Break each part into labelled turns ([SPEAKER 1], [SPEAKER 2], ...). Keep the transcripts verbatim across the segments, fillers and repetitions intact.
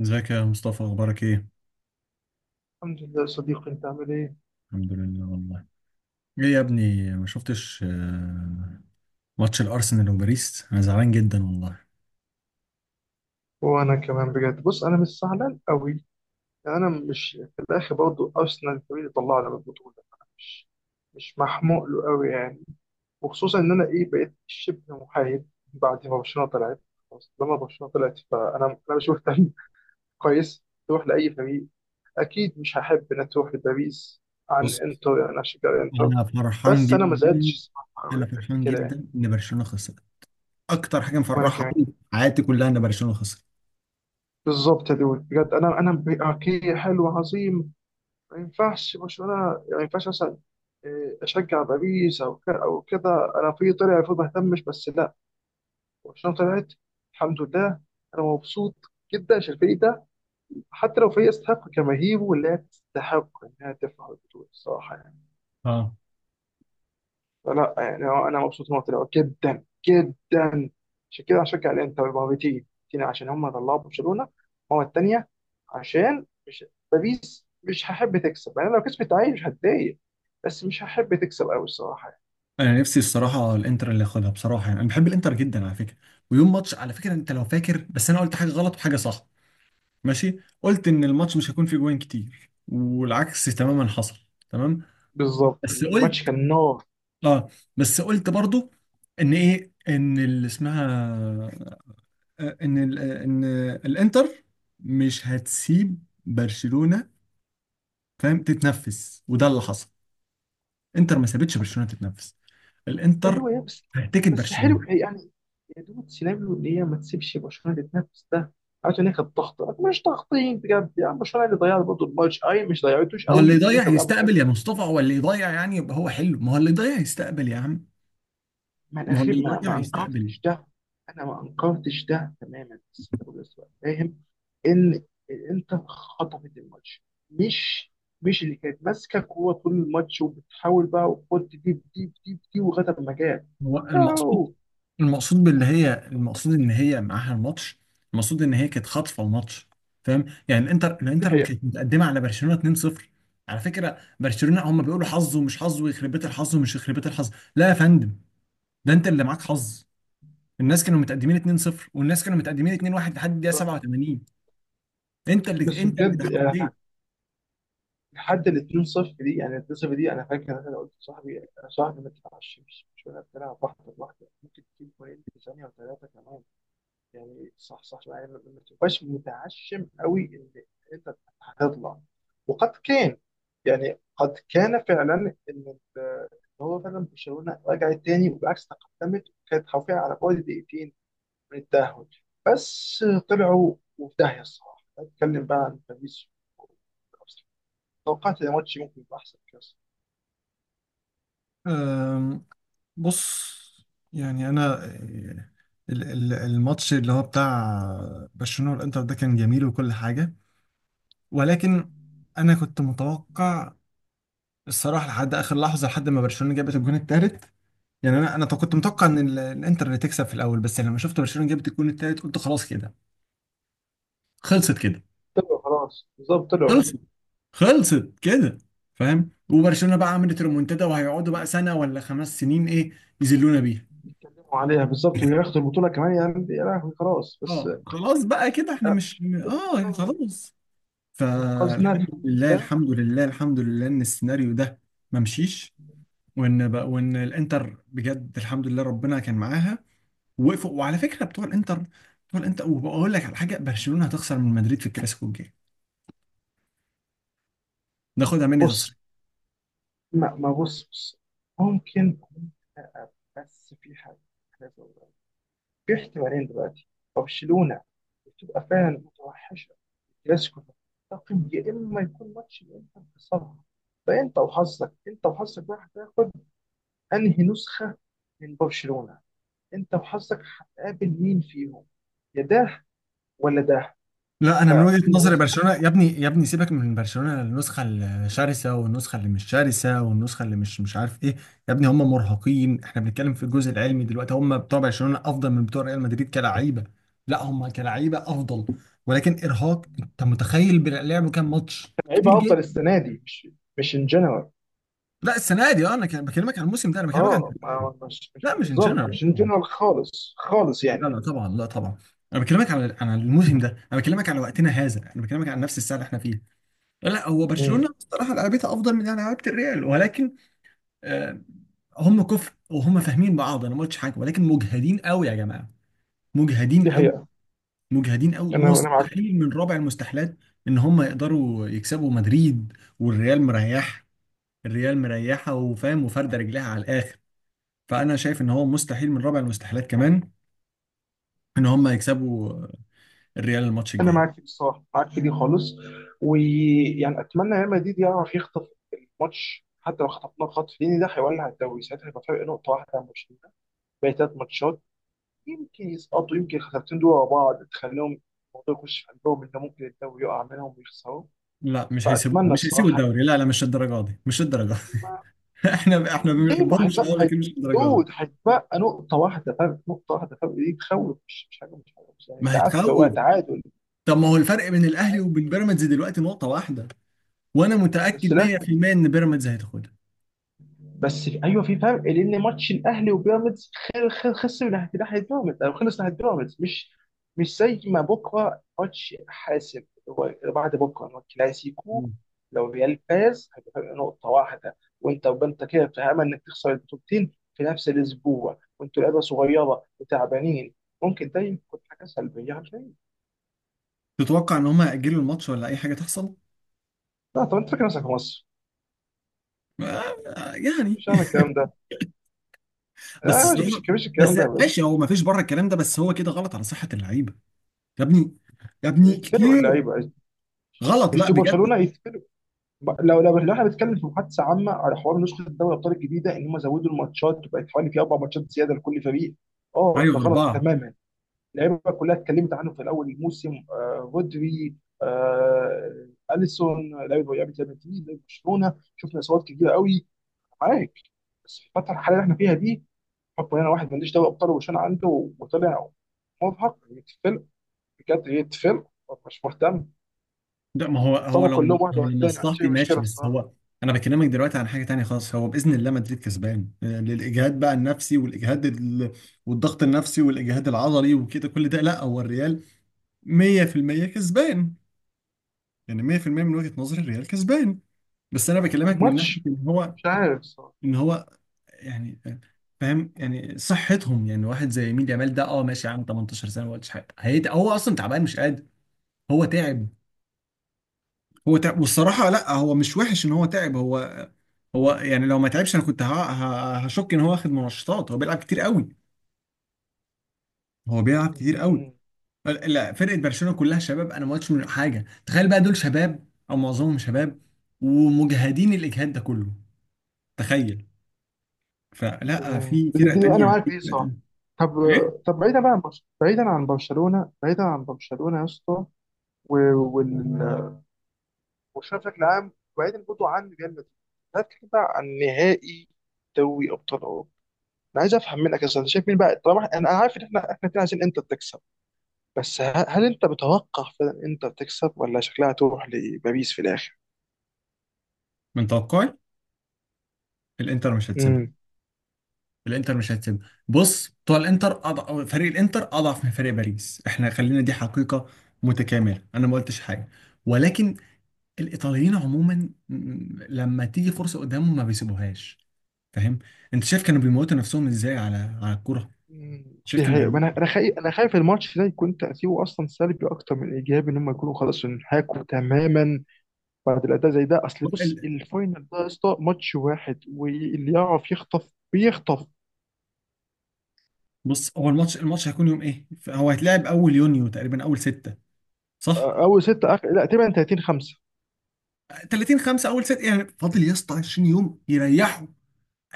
[SPEAKER 1] ازيك يا مصطفى اخبارك ايه؟
[SPEAKER 2] الحمد لله يا صديقي، انت عامل ايه؟
[SPEAKER 1] الحمد لله والله. ايه يا ابني ما شفتش آه، ماتش الارسنال وباريس، انا زعلان جدا والله.
[SPEAKER 2] وانا كمان، بجد بص، انا مش زعلان قوي، يعني انا مش في الاخر برضه ارسنال الفريق اللي طلعنا من البطوله، انا مش مش محموق له قوي يعني. وخصوصا ان انا ايه، بقيت شبه محايد بعد ما برشلونه طلعت. خلاص لما برشلونه طلعت فانا انا مش مهتم. كويس تروح لاي فريق. اكيد مش هحب ان تروح لباريس، عن
[SPEAKER 1] بص،
[SPEAKER 2] انتر، يعني انا اشجع انتر.
[SPEAKER 1] انا فرحان
[SPEAKER 2] بس انا ما زعلتش
[SPEAKER 1] جدا.
[SPEAKER 2] الصراحه قوي
[SPEAKER 1] انا
[SPEAKER 2] قد
[SPEAKER 1] فرحان
[SPEAKER 2] كده يعني.
[SPEAKER 1] جدا ان برشلونة خسر. اكتر حاجه
[SPEAKER 2] وانا
[SPEAKER 1] مفرحه
[SPEAKER 2] كمان.
[SPEAKER 1] في حياتي كلها ان برشلونة خسر.
[SPEAKER 2] بالظبط يا دود، بجد انا انا اوكي، حلو، عظيم. ما ينفعش برشلونة، يعني ما ينفعش مثلا إيه، أشجع باريس أو ك- أو كده. أنا في طلع المفروض ما أهتمش، بس لا، برشلونة طلعت الحمد لله، أنا مبسوط جدا عشان الفريق ده، حتى لو فريق يستحق جماهيره واللي هي تستحق إنها تفرح بالبطولة الصراحة يعني.
[SPEAKER 1] اه،
[SPEAKER 2] فلا يعني هو انا مبسوط ان هو طلعوا جدا جدا. عشان كده هشجع الانتر، ما هو بتيجي بتيجي عشان هم طلعوا برشلونه، هو الثانيه، عشان مش، باريس مش هحب تكسب، يعني لو كسبت عادي مش هتضايق، بس مش هحب تكسب قوي الصراحه يعني.
[SPEAKER 1] انا نفسي الصراحه الانتر اللي ياخدها بصراحه، يعني انا بحب الانتر جدا على فكره. ويوم ماتش، على فكره انت لو فاكر، بس انا قلت حاجه غلط وحاجه صح. ماشي، قلت ان الماتش مش هيكون فيه جوان كتير، والعكس تماما حصل. تمام.
[SPEAKER 2] بالظبط
[SPEAKER 1] بس
[SPEAKER 2] الماتش
[SPEAKER 1] قلت،
[SPEAKER 2] كان نار.
[SPEAKER 1] اه، بس قلت برضو ان ايه، ان اللي اسمها، آه، ان ال- آه، ان الانتر مش هتسيب برشلونة، فاهم، تتنفس، وده اللي حصل. انتر ما سابتش برشلونة تتنفس. الانتر
[SPEAKER 2] ايوه يا بس.
[SPEAKER 1] هتكت
[SPEAKER 2] بس حلو
[SPEAKER 1] برشلونة.
[SPEAKER 2] يعني، يا دوب سيناريو اللي هي ما تسيبش برشلونه تتنافس ده، عارف ان هي كانت ضغط، مش ضاغطين بجد يعني، برشلونه اللي ضيعت برضه الماتش، اي مش ضيعتوش
[SPEAKER 1] ما هو
[SPEAKER 2] قوي،
[SPEAKER 1] اللي
[SPEAKER 2] الاتنين
[SPEAKER 1] يضيع
[SPEAKER 2] كانوا
[SPEAKER 1] يستقبل
[SPEAKER 2] بيلعبوا.
[SPEAKER 1] يا مصطفى، هو اللي يضيع يعني يبقى هو حلو، ما هو اللي يضيع يستقبل يا عم.
[SPEAKER 2] ما انا
[SPEAKER 1] ما هو
[SPEAKER 2] اخي،
[SPEAKER 1] اللي
[SPEAKER 2] ما
[SPEAKER 1] يضيع
[SPEAKER 2] ما
[SPEAKER 1] يستقبل.
[SPEAKER 2] انكرتش ده، انا ما انكرتش ده تماما، بس انت برضه لسه فاهم ان الانتر خطفت الماتش، مش مش اللي كانت ماسكه كوره طول الماتش وبتحاول بقى وخد دي دي دي دي لغايه ما جاب.
[SPEAKER 1] هو المقصود،
[SPEAKER 2] نو
[SPEAKER 1] المقصود باللي هي، المقصود ان هي معاها الماتش. المقصود ان هي كانت خاطفه الماتش. فاهم؟ يعني الانتر
[SPEAKER 2] دي
[SPEAKER 1] الانتر ما
[SPEAKER 2] هي.
[SPEAKER 1] كانت متقدمه على برشلونه اتنين صفر. على فكره برشلونه هم بيقولوا حظ ومش حظ ويخرب بيت الحظ ومش يخرب بيت الحظ. لا يا فندم، ده انت اللي معاك حظ. الناس كانوا متقدمين اتنين صفر، والناس كانوا متقدمين اتنين واحد لحد الدقيقه سبعة وتمانين. انت اللي
[SPEAKER 2] بس
[SPEAKER 1] انت اللي
[SPEAKER 2] بجد
[SPEAKER 1] اتحطيت.
[SPEAKER 2] يعني لحد ال اتنين صفر دي، يعني ال اتنين صفر دي انا فاكر انا قلت لصاحبي، صاحبي ما تتعشمش، مش مش ولا بتلعب واحده لوحده، ممكن تجيب جولين في ثانيه وثلاثه كمان، يعني صح صح يعني، ما ما تبقاش متعشم قوي ان انت هتطلع. وقد كان، يعني قد كان فعلا ان ال- إن هو فعلا برشلونه رجعت تاني، وبالعكس تقدمت، وكانت حرفيا على بعد دقيقتين من التاهل، بس طلعوا وفي داهيه الصراحه. اتكلم بقى عن باريس، توقعت ان الماتش ممكن يبقى احسن كاس.
[SPEAKER 1] أم، بص، يعني انا ال- ال- الماتش اللي هو بتاع برشلونة والانتر ده كان جميل وكل حاجة، ولكن انا كنت متوقع الصراحه لحد اخر لحظه، لحد ما برشلونه جابت الجون الثالث. يعني انا انا كنت متوقع ان ال- الانتر اللي تكسب في الاول، بس لما شفت برشلونه جابت الجون الثالث قلت خلاص كده، خلصت كده.
[SPEAKER 2] طلعوا خلاص بالظبط طلعوا.
[SPEAKER 1] خلصت. خلصت كده. فاهم؟ وبرشلونه بقى عملت ريمونتادا وهيقعدوا بقى سنه ولا خمس سنين ايه يذلونا بيها.
[SPEAKER 2] يتكلموا عليها بالظبط وياخدوا البطوله كمان، يعني يا لهوي خلاص بس
[SPEAKER 1] اه خلاص بقى كده، احنا
[SPEAKER 2] آه،
[SPEAKER 1] مش، اه
[SPEAKER 2] الانتر
[SPEAKER 1] خلاص.
[SPEAKER 2] انقذنا
[SPEAKER 1] فالحمد
[SPEAKER 2] الحمد
[SPEAKER 1] لله،
[SPEAKER 2] لله.
[SPEAKER 1] الحمد لله، الحمد لله ان السيناريو ده ما مشيش، وان بقى، وان الانتر بجد الحمد لله ربنا كان معاها ووقفوا. وعلى فكره بتوع الانتر بتوع الانتر وبقول لك على حاجه، برشلونه هتخسر من مدريد في الكلاسيكو الجاي، ناخدها مني تصريح.
[SPEAKER 2] بص، ما, ما بص بص ممكن، بس في حاجة أنا عايز أقولها. في احتمالين دلوقتي، برشلونة بتبقى فعلا متوحشة في الكلاسيكو ده، تقيم يا إما يكون ماتش اللي أنت مخسرها، فأنت وحظك، أنت وحظك بقى هتاخد أنهي نسخة من برشلونة، أنت وحظك هتقابل مين فيهم، يا ده ولا ده.
[SPEAKER 1] لا، انا من وجهة
[SPEAKER 2] فما
[SPEAKER 1] نظري
[SPEAKER 2] بس
[SPEAKER 1] برشلونة،
[SPEAKER 2] تكونش
[SPEAKER 1] يا ابني يا ابني سيبك من برشلونة النسخة الشرسة والنسخة اللي مش شرسة والنسخة اللي مش مش عارف ايه. يا ابني هم مرهقين، احنا بنتكلم في الجزء العلمي دلوقتي. هم بتوع برشلونة افضل من بتوع ريال مدريد كلاعيبة. لا، هم كلاعيبة افضل، ولكن ارهاق، انت متخيل بيلعبوا كام ماتش
[SPEAKER 2] لعيبة
[SPEAKER 1] كتير؟
[SPEAKER 2] أفضل السنة دي، مش مش إن جنرال.
[SPEAKER 1] لا السنه دي، اه انا كان بكلمك عن الموسم ده، انا بكلمك عن
[SPEAKER 2] اه،
[SPEAKER 1] دلوقتي.
[SPEAKER 2] ما مش مش
[SPEAKER 1] لا مش ان
[SPEAKER 2] بالظبط،
[SPEAKER 1] جنرال
[SPEAKER 2] مش
[SPEAKER 1] طبعا،
[SPEAKER 2] جنرال خالص خالص
[SPEAKER 1] لا
[SPEAKER 2] يعني.
[SPEAKER 1] لا طبعا، لا طبعا. انا بكلمك على عن الموسم ده، انا بكلمك على وقتنا هذا، انا بكلمك عن نفس الساعه اللي احنا فيها. لا لا، هو برشلونه
[SPEAKER 2] امم،
[SPEAKER 1] بصراحه لعبتها افضل من لعبه الريال، ولكن آه، هم كفر وهم فاهمين بعض، انا ما قلتش حاجه، ولكن مجهدين قوي يا جماعه. مجهدين
[SPEAKER 2] دي
[SPEAKER 1] قوي.
[SPEAKER 2] حقيقة.
[SPEAKER 1] مجهدين قوي.
[SPEAKER 2] انا انا معاك،
[SPEAKER 1] مستحيل من رابع المستحيلات ان هم يقدروا يكسبوا مدريد. والريال مريح، الريال مريحه وفاهم وفارده رجلها على الاخر. فانا شايف ان هو مستحيل من رابع المستحيلات كمان ان هم يكسبوا الريال الماتش
[SPEAKER 2] انا
[SPEAKER 1] الجاي.
[SPEAKER 2] معاك بصراحة، معاك في دي خالص. ويعني اتمنى ريال مدريد يعرف يخطف الماتش، حتى لو خطفناه خطف، لان ده هيولع الدوري، ساعتها هيبقى فرق نقطة واحدة عن برشلونة، باقي ثلاث ماتشات، يمكن يسقطوا، يمكن الخسارتين دول ورا بعض تخليهم الموضوع يخش في قلبهم ان ممكن الدوري يقع منهم ويخسروا.
[SPEAKER 1] لا مش هيسيبوه،
[SPEAKER 2] فاتمنى
[SPEAKER 1] مش هيسيبوا
[SPEAKER 2] الصراحة.
[SPEAKER 1] الدوري، لا لا، مش الدرجه دي، مش الدرجه دي. احنا احنا ما
[SPEAKER 2] ليه؟ ما
[SPEAKER 1] بنحبهمش اه،
[SPEAKER 2] هيتبقى هيت-
[SPEAKER 1] لكن مش الدرجه دي.
[SPEAKER 2] دود، هيتبقى نقطة واحدة فرق، نقطة واحدة فرق دي تخوف، مش مش حاجة، مش حاجة، مش يعني
[SPEAKER 1] ما
[SPEAKER 2] تعادل هو
[SPEAKER 1] هيتخوف.
[SPEAKER 2] تعادل.
[SPEAKER 1] طب ما هو الفرق بين الاهلي وبين بيراميدز دلوقتي نقطه واحده، وانا
[SPEAKER 2] بس
[SPEAKER 1] متاكد
[SPEAKER 2] لا،
[SPEAKER 1] مية في المية ان بيراميدز هتاخدها.
[SPEAKER 2] بس في ايوه في فرق، لان ماتش الاهلي وبيراميدز خل- خل- خسر من ناحيه، ناحيه بيراميدز او خلص ناحيه بيراميدز، مش مش زي ما بكره ماتش حاسم، هو بعد بكره هو كلاسيكو.
[SPEAKER 1] مم.
[SPEAKER 2] لو ريال فاز هيبقى فرق نقطه واحده، وانت وانت كده في امل انك تخسر البطولتين في نفس الاسبوع، وانتوا لعيبه صغيره وتعبانين، ممكن ده يكون حاجه سلبيه على الفريق.
[SPEAKER 1] تتوقع ان هم هيأجلوا الماتش ولا اي حاجه تحصل؟
[SPEAKER 2] لا طب انت فاكر نفسك في مصر؟
[SPEAKER 1] آه، يعني،
[SPEAKER 2] مش هعمل الكلام ده.
[SPEAKER 1] بس
[SPEAKER 2] لا مش، مفيش
[SPEAKER 1] الصراحه،
[SPEAKER 2] مفيش الكلام
[SPEAKER 1] بس
[SPEAKER 2] ده يا باشا.
[SPEAKER 1] ماشي، هو ما فيش بره الكلام ده، بس هو كده غلط على صحه اللعيبه. يا ابني يا ابني
[SPEAKER 2] يتفلقوا
[SPEAKER 1] كتير
[SPEAKER 2] اللعيبه.
[SPEAKER 1] غلط،
[SPEAKER 2] مش
[SPEAKER 1] لا
[SPEAKER 2] دي
[SPEAKER 1] بجد.
[SPEAKER 2] برشلونه يتفلقوا. ب- لو لو لو احنا بنتكلم في محادثه عامه على حوار نسخه دوري الابطال الجديده، ان هم زودوا الماتشات وبقت حوالي في اربع ماتشات زياده لكل فريق، اه
[SPEAKER 1] ايوه
[SPEAKER 2] ده غلط
[SPEAKER 1] اربعه.
[SPEAKER 2] تماما. اللعيبه كلها اتكلمت عنه في الاول الموسم، آه رودري، آه اليسون، لعيبه، لعيبه ريال مدريد، لعيبه برشلونه، شفنا اصابات كتيره قوي. معاك. بس في الفتره الحاليه اللي احنا فيها دي، حكم ان انا واحد ماليش دوري ابطال وبرشلونه عنده، وطلع مرهق، يتفل، بجد يتفل، مش مهتم.
[SPEAKER 1] ده ما هو هو
[SPEAKER 2] اتصابوا
[SPEAKER 1] لو لو
[SPEAKER 2] كلهم واحد ورا الثاني، ما عنديش اي
[SPEAKER 1] لمصلحتي ماشي،
[SPEAKER 2] مشكله
[SPEAKER 1] بس
[SPEAKER 2] الصراحه.
[SPEAKER 1] هو، انا بكلمك دلوقتي عن حاجه تانية خالص. هو باذن الله مدريد كسبان، يعني الاجهاد بقى النفسي والاجهاد ال... والضغط النفسي والاجهاد العضلي وكده كل ده، لا هو الريال مية في المية كسبان. يعني مية في المية من وجهه نظري الريال كسبان. بس انا بكلمك من ناحيه
[SPEAKER 2] الماتش
[SPEAKER 1] ان هو،
[SPEAKER 2] مش عارف صح.
[SPEAKER 1] ان هو، يعني آه، فاهم يعني صحتهم. يعني واحد زي يمين يامال ده اه ماشي يا عم، ثمانية عشر سنه، ما قلتش حاجه. هيت- هو اصلا تعبان مش قادر، هو تعب. هو تعب، والصراحة لا، هو مش وحش ان هو تعب. هو، هو يعني لو ما تعبش انا كنت ه- ه- هشك ان هو واخد منشطات. هو بيلعب كتير قوي. هو بيلعب كتير قوي.
[SPEAKER 2] مهم.
[SPEAKER 1] ال- لا فرقة برشلونة كلها شباب، انا ما قلتش من حاجة. تخيل بقى دول شباب او معظمهم شباب ومجهدين الاجهاد ده كله، تخيل. فلا،
[SPEAKER 2] تمام
[SPEAKER 1] في فرق
[SPEAKER 2] بتديني
[SPEAKER 1] تانية،
[SPEAKER 2] انا معاك
[SPEAKER 1] في
[SPEAKER 2] ايه
[SPEAKER 1] فرق
[SPEAKER 2] صح.
[SPEAKER 1] تانية.
[SPEAKER 2] طب،
[SPEAKER 1] ايه؟
[SPEAKER 2] طب بعيدا بقى عن برشلونه، بعيدا عن برشلونه، بعيدا عن برشلونه يا اسطى، و- وال برشلونه بشكل عام، وبعيدا برضه عن ريال مدريد، تعالى نتكلم بقى عن نهائي دوري ابطال اوروبا. انا عايز افهم منك يا أستاذ، انت شايف مين بقى؟ طبعا انا أنا عارف ان احنا احنا الاتنين عايزين انتر تكسب، بس ه- هل انت متوقع فعلا انتر تكسب ولا شكلها تروح لباريس في الاخر؟
[SPEAKER 1] من توقعي الانتر مش هتسيبها.
[SPEAKER 2] امم.
[SPEAKER 1] الانتر مش هتسيب، بص، بتوع الانتر أضع... فريق الانتر اضعف من فريق باريس، احنا خلينا دي حقيقة متكاملة، انا ما قلتش حاجة. ولكن الايطاليين عموما، م- لما تيجي فرصة قدامهم ما بيسيبوهاش، فاهم. انت شايف كانوا بيموتوا نفسهم ازاي على على الكرة؟
[SPEAKER 2] مم.
[SPEAKER 1] شايف
[SPEAKER 2] دي
[SPEAKER 1] كانوا
[SPEAKER 2] حقيقة. ما انا
[SPEAKER 1] بيموتوا؟
[SPEAKER 2] انا خايف، انا خايف الماتش ده يكون تأثيره اصلا سلبي اكتر من ايجابي، ان هم يكونوا خلاص انحاكوا تماما بعد الاداء زي ده. اصل بص
[SPEAKER 1] ال-
[SPEAKER 2] الفاينل ده يا اسطى ماتش واحد واللي يعرف يخطف بيخطف.
[SPEAKER 1] بص، هو الماتش، الماتش هيكون يوم ايه، هو هيتلعب اول يونيو تقريبا، اول ستة، صح؟
[SPEAKER 2] آه، اول ستة، اخر، لا تقريبا تلاتين خمسة.
[SPEAKER 1] ثلاثين خمسة اول ستة، يعني فاضل يا اسطى عشرين يوم يريحوا.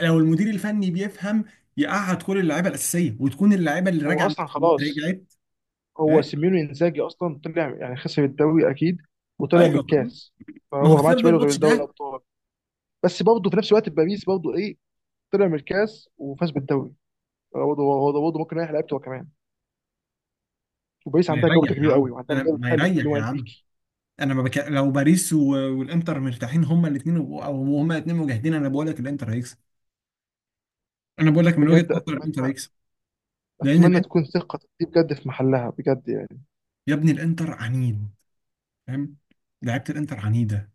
[SPEAKER 1] لو المدير الفني بيفهم يقعد كل اللعيبه الاساسيه، وتكون اللعيبه اللي
[SPEAKER 2] هو
[SPEAKER 1] راجعه من
[SPEAKER 2] اصلا
[SPEAKER 1] التصفيات
[SPEAKER 2] خلاص،
[SPEAKER 1] رجعت.
[SPEAKER 2] هو
[SPEAKER 1] إيه؟
[SPEAKER 2] سيميوني انزاجي اصلا طلع يعني، خسر الدوري اكيد وطلع من
[SPEAKER 1] ايوه خلاص.
[SPEAKER 2] الكاس.
[SPEAKER 1] ما هو
[SPEAKER 2] فهو ما عادش
[SPEAKER 1] بسبب
[SPEAKER 2] باله غير
[SPEAKER 1] الماتش
[SPEAKER 2] دوري
[SPEAKER 1] ده.
[SPEAKER 2] الابطال. بس برضه في نفس الوقت باريس برضه ايه، طلع من الكاس وفاز بالدوري، هو برضه، هو برضه ممكن يريح لعيبته هو كمان، وباريس
[SPEAKER 1] ما
[SPEAKER 2] عندها
[SPEAKER 1] يريح
[SPEAKER 2] جودة
[SPEAKER 1] يا
[SPEAKER 2] كبيرة قوي
[SPEAKER 1] عم،
[SPEAKER 2] وعندها
[SPEAKER 1] انا
[SPEAKER 2] مدرب
[SPEAKER 1] ما
[SPEAKER 2] حلو اللي
[SPEAKER 1] يريح
[SPEAKER 2] هو
[SPEAKER 1] يا عم،
[SPEAKER 2] انريكي.
[SPEAKER 1] انا ما بك... لو باريس و... والانتر مرتاحين هما الاثنين، او هما الاثنين مجاهدين، انا بقول لك الانتر هيكسب. انا بقول لك من وجهه
[SPEAKER 2] بجد
[SPEAKER 1] نظر الانتر
[SPEAKER 2] اتمنى،
[SPEAKER 1] هيكسب، لان
[SPEAKER 2] اتمنى
[SPEAKER 1] الانتر،
[SPEAKER 2] تكون ثقة دي بجد في محلها بجد يعني.
[SPEAKER 1] يا ابني الانتر عنيد، فاهم، لعيبه الانتر عنيده،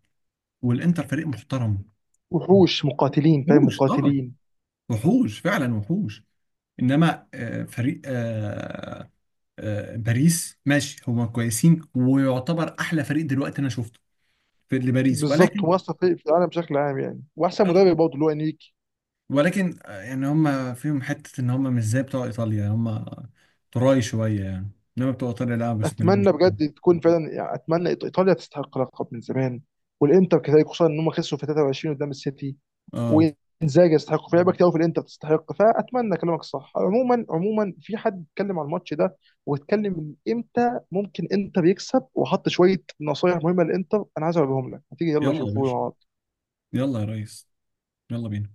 [SPEAKER 1] والانتر فريق محترم.
[SPEAKER 2] وحوش مقاتلين، فاهم،
[SPEAKER 1] وحوش، اه،
[SPEAKER 2] مقاتلين.
[SPEAKER 1] وحوش فعلا، وحوش. انما آه، فريق آه، آه، باريس ماشي هما كويسين، ويعتبر احلى فريق دلوقتي انا شفته في لباريس،
[SPEAKER 2] بالظبط،
[SPEAKER 1] ولكن
[SPEAKER 2] هو اصلا في في العالم بشكل عام يعني، واحسن
[SPEAKER 1] آه،
[SPEAKER 2] مدرب برضه اللي هو انريكي.
[SPEAKER 1] ولكن آه، يعني هما فيهم حته ان هما مش زي بتوع ايطاليا، هما تراي شويه يعني. انما بتوع ايطاليا، لا، بسم الله ما
[SPEAKER 2] اتمنى
[SPEAKER 1] شاء الله.
[SPEAKER 2] بجد تكون فعلا يعني، اتمنى إيط- ايطاليا تستحق لقب من زمان، والانتر كذلك، خصوصا ان هم خسروا في تلاتة وعشرين قدام السيتي،
[SPEAKER 1] اه،
[SPEAKER 2] وانزاجي يستحق، في لعيبه كتير أوي في الانتر تستحق. فاتمنى كلامك صح عموما. عموما في حد اتكلم على الماتش ده واتكلم من امتى ممكن انتر يكسب، وحط شويه نصايح مهمه للانتر، انا عايز اقولهم لك، هتيجي يلا
[SPEAKER 1] يلا يا
[SPEAKER 2] شوفوا
[SPEAKER 1] باشا،
[SPEAKER 2] مع بعض.
[SPEAKER 1] يلا يا ريس، يلا بينا.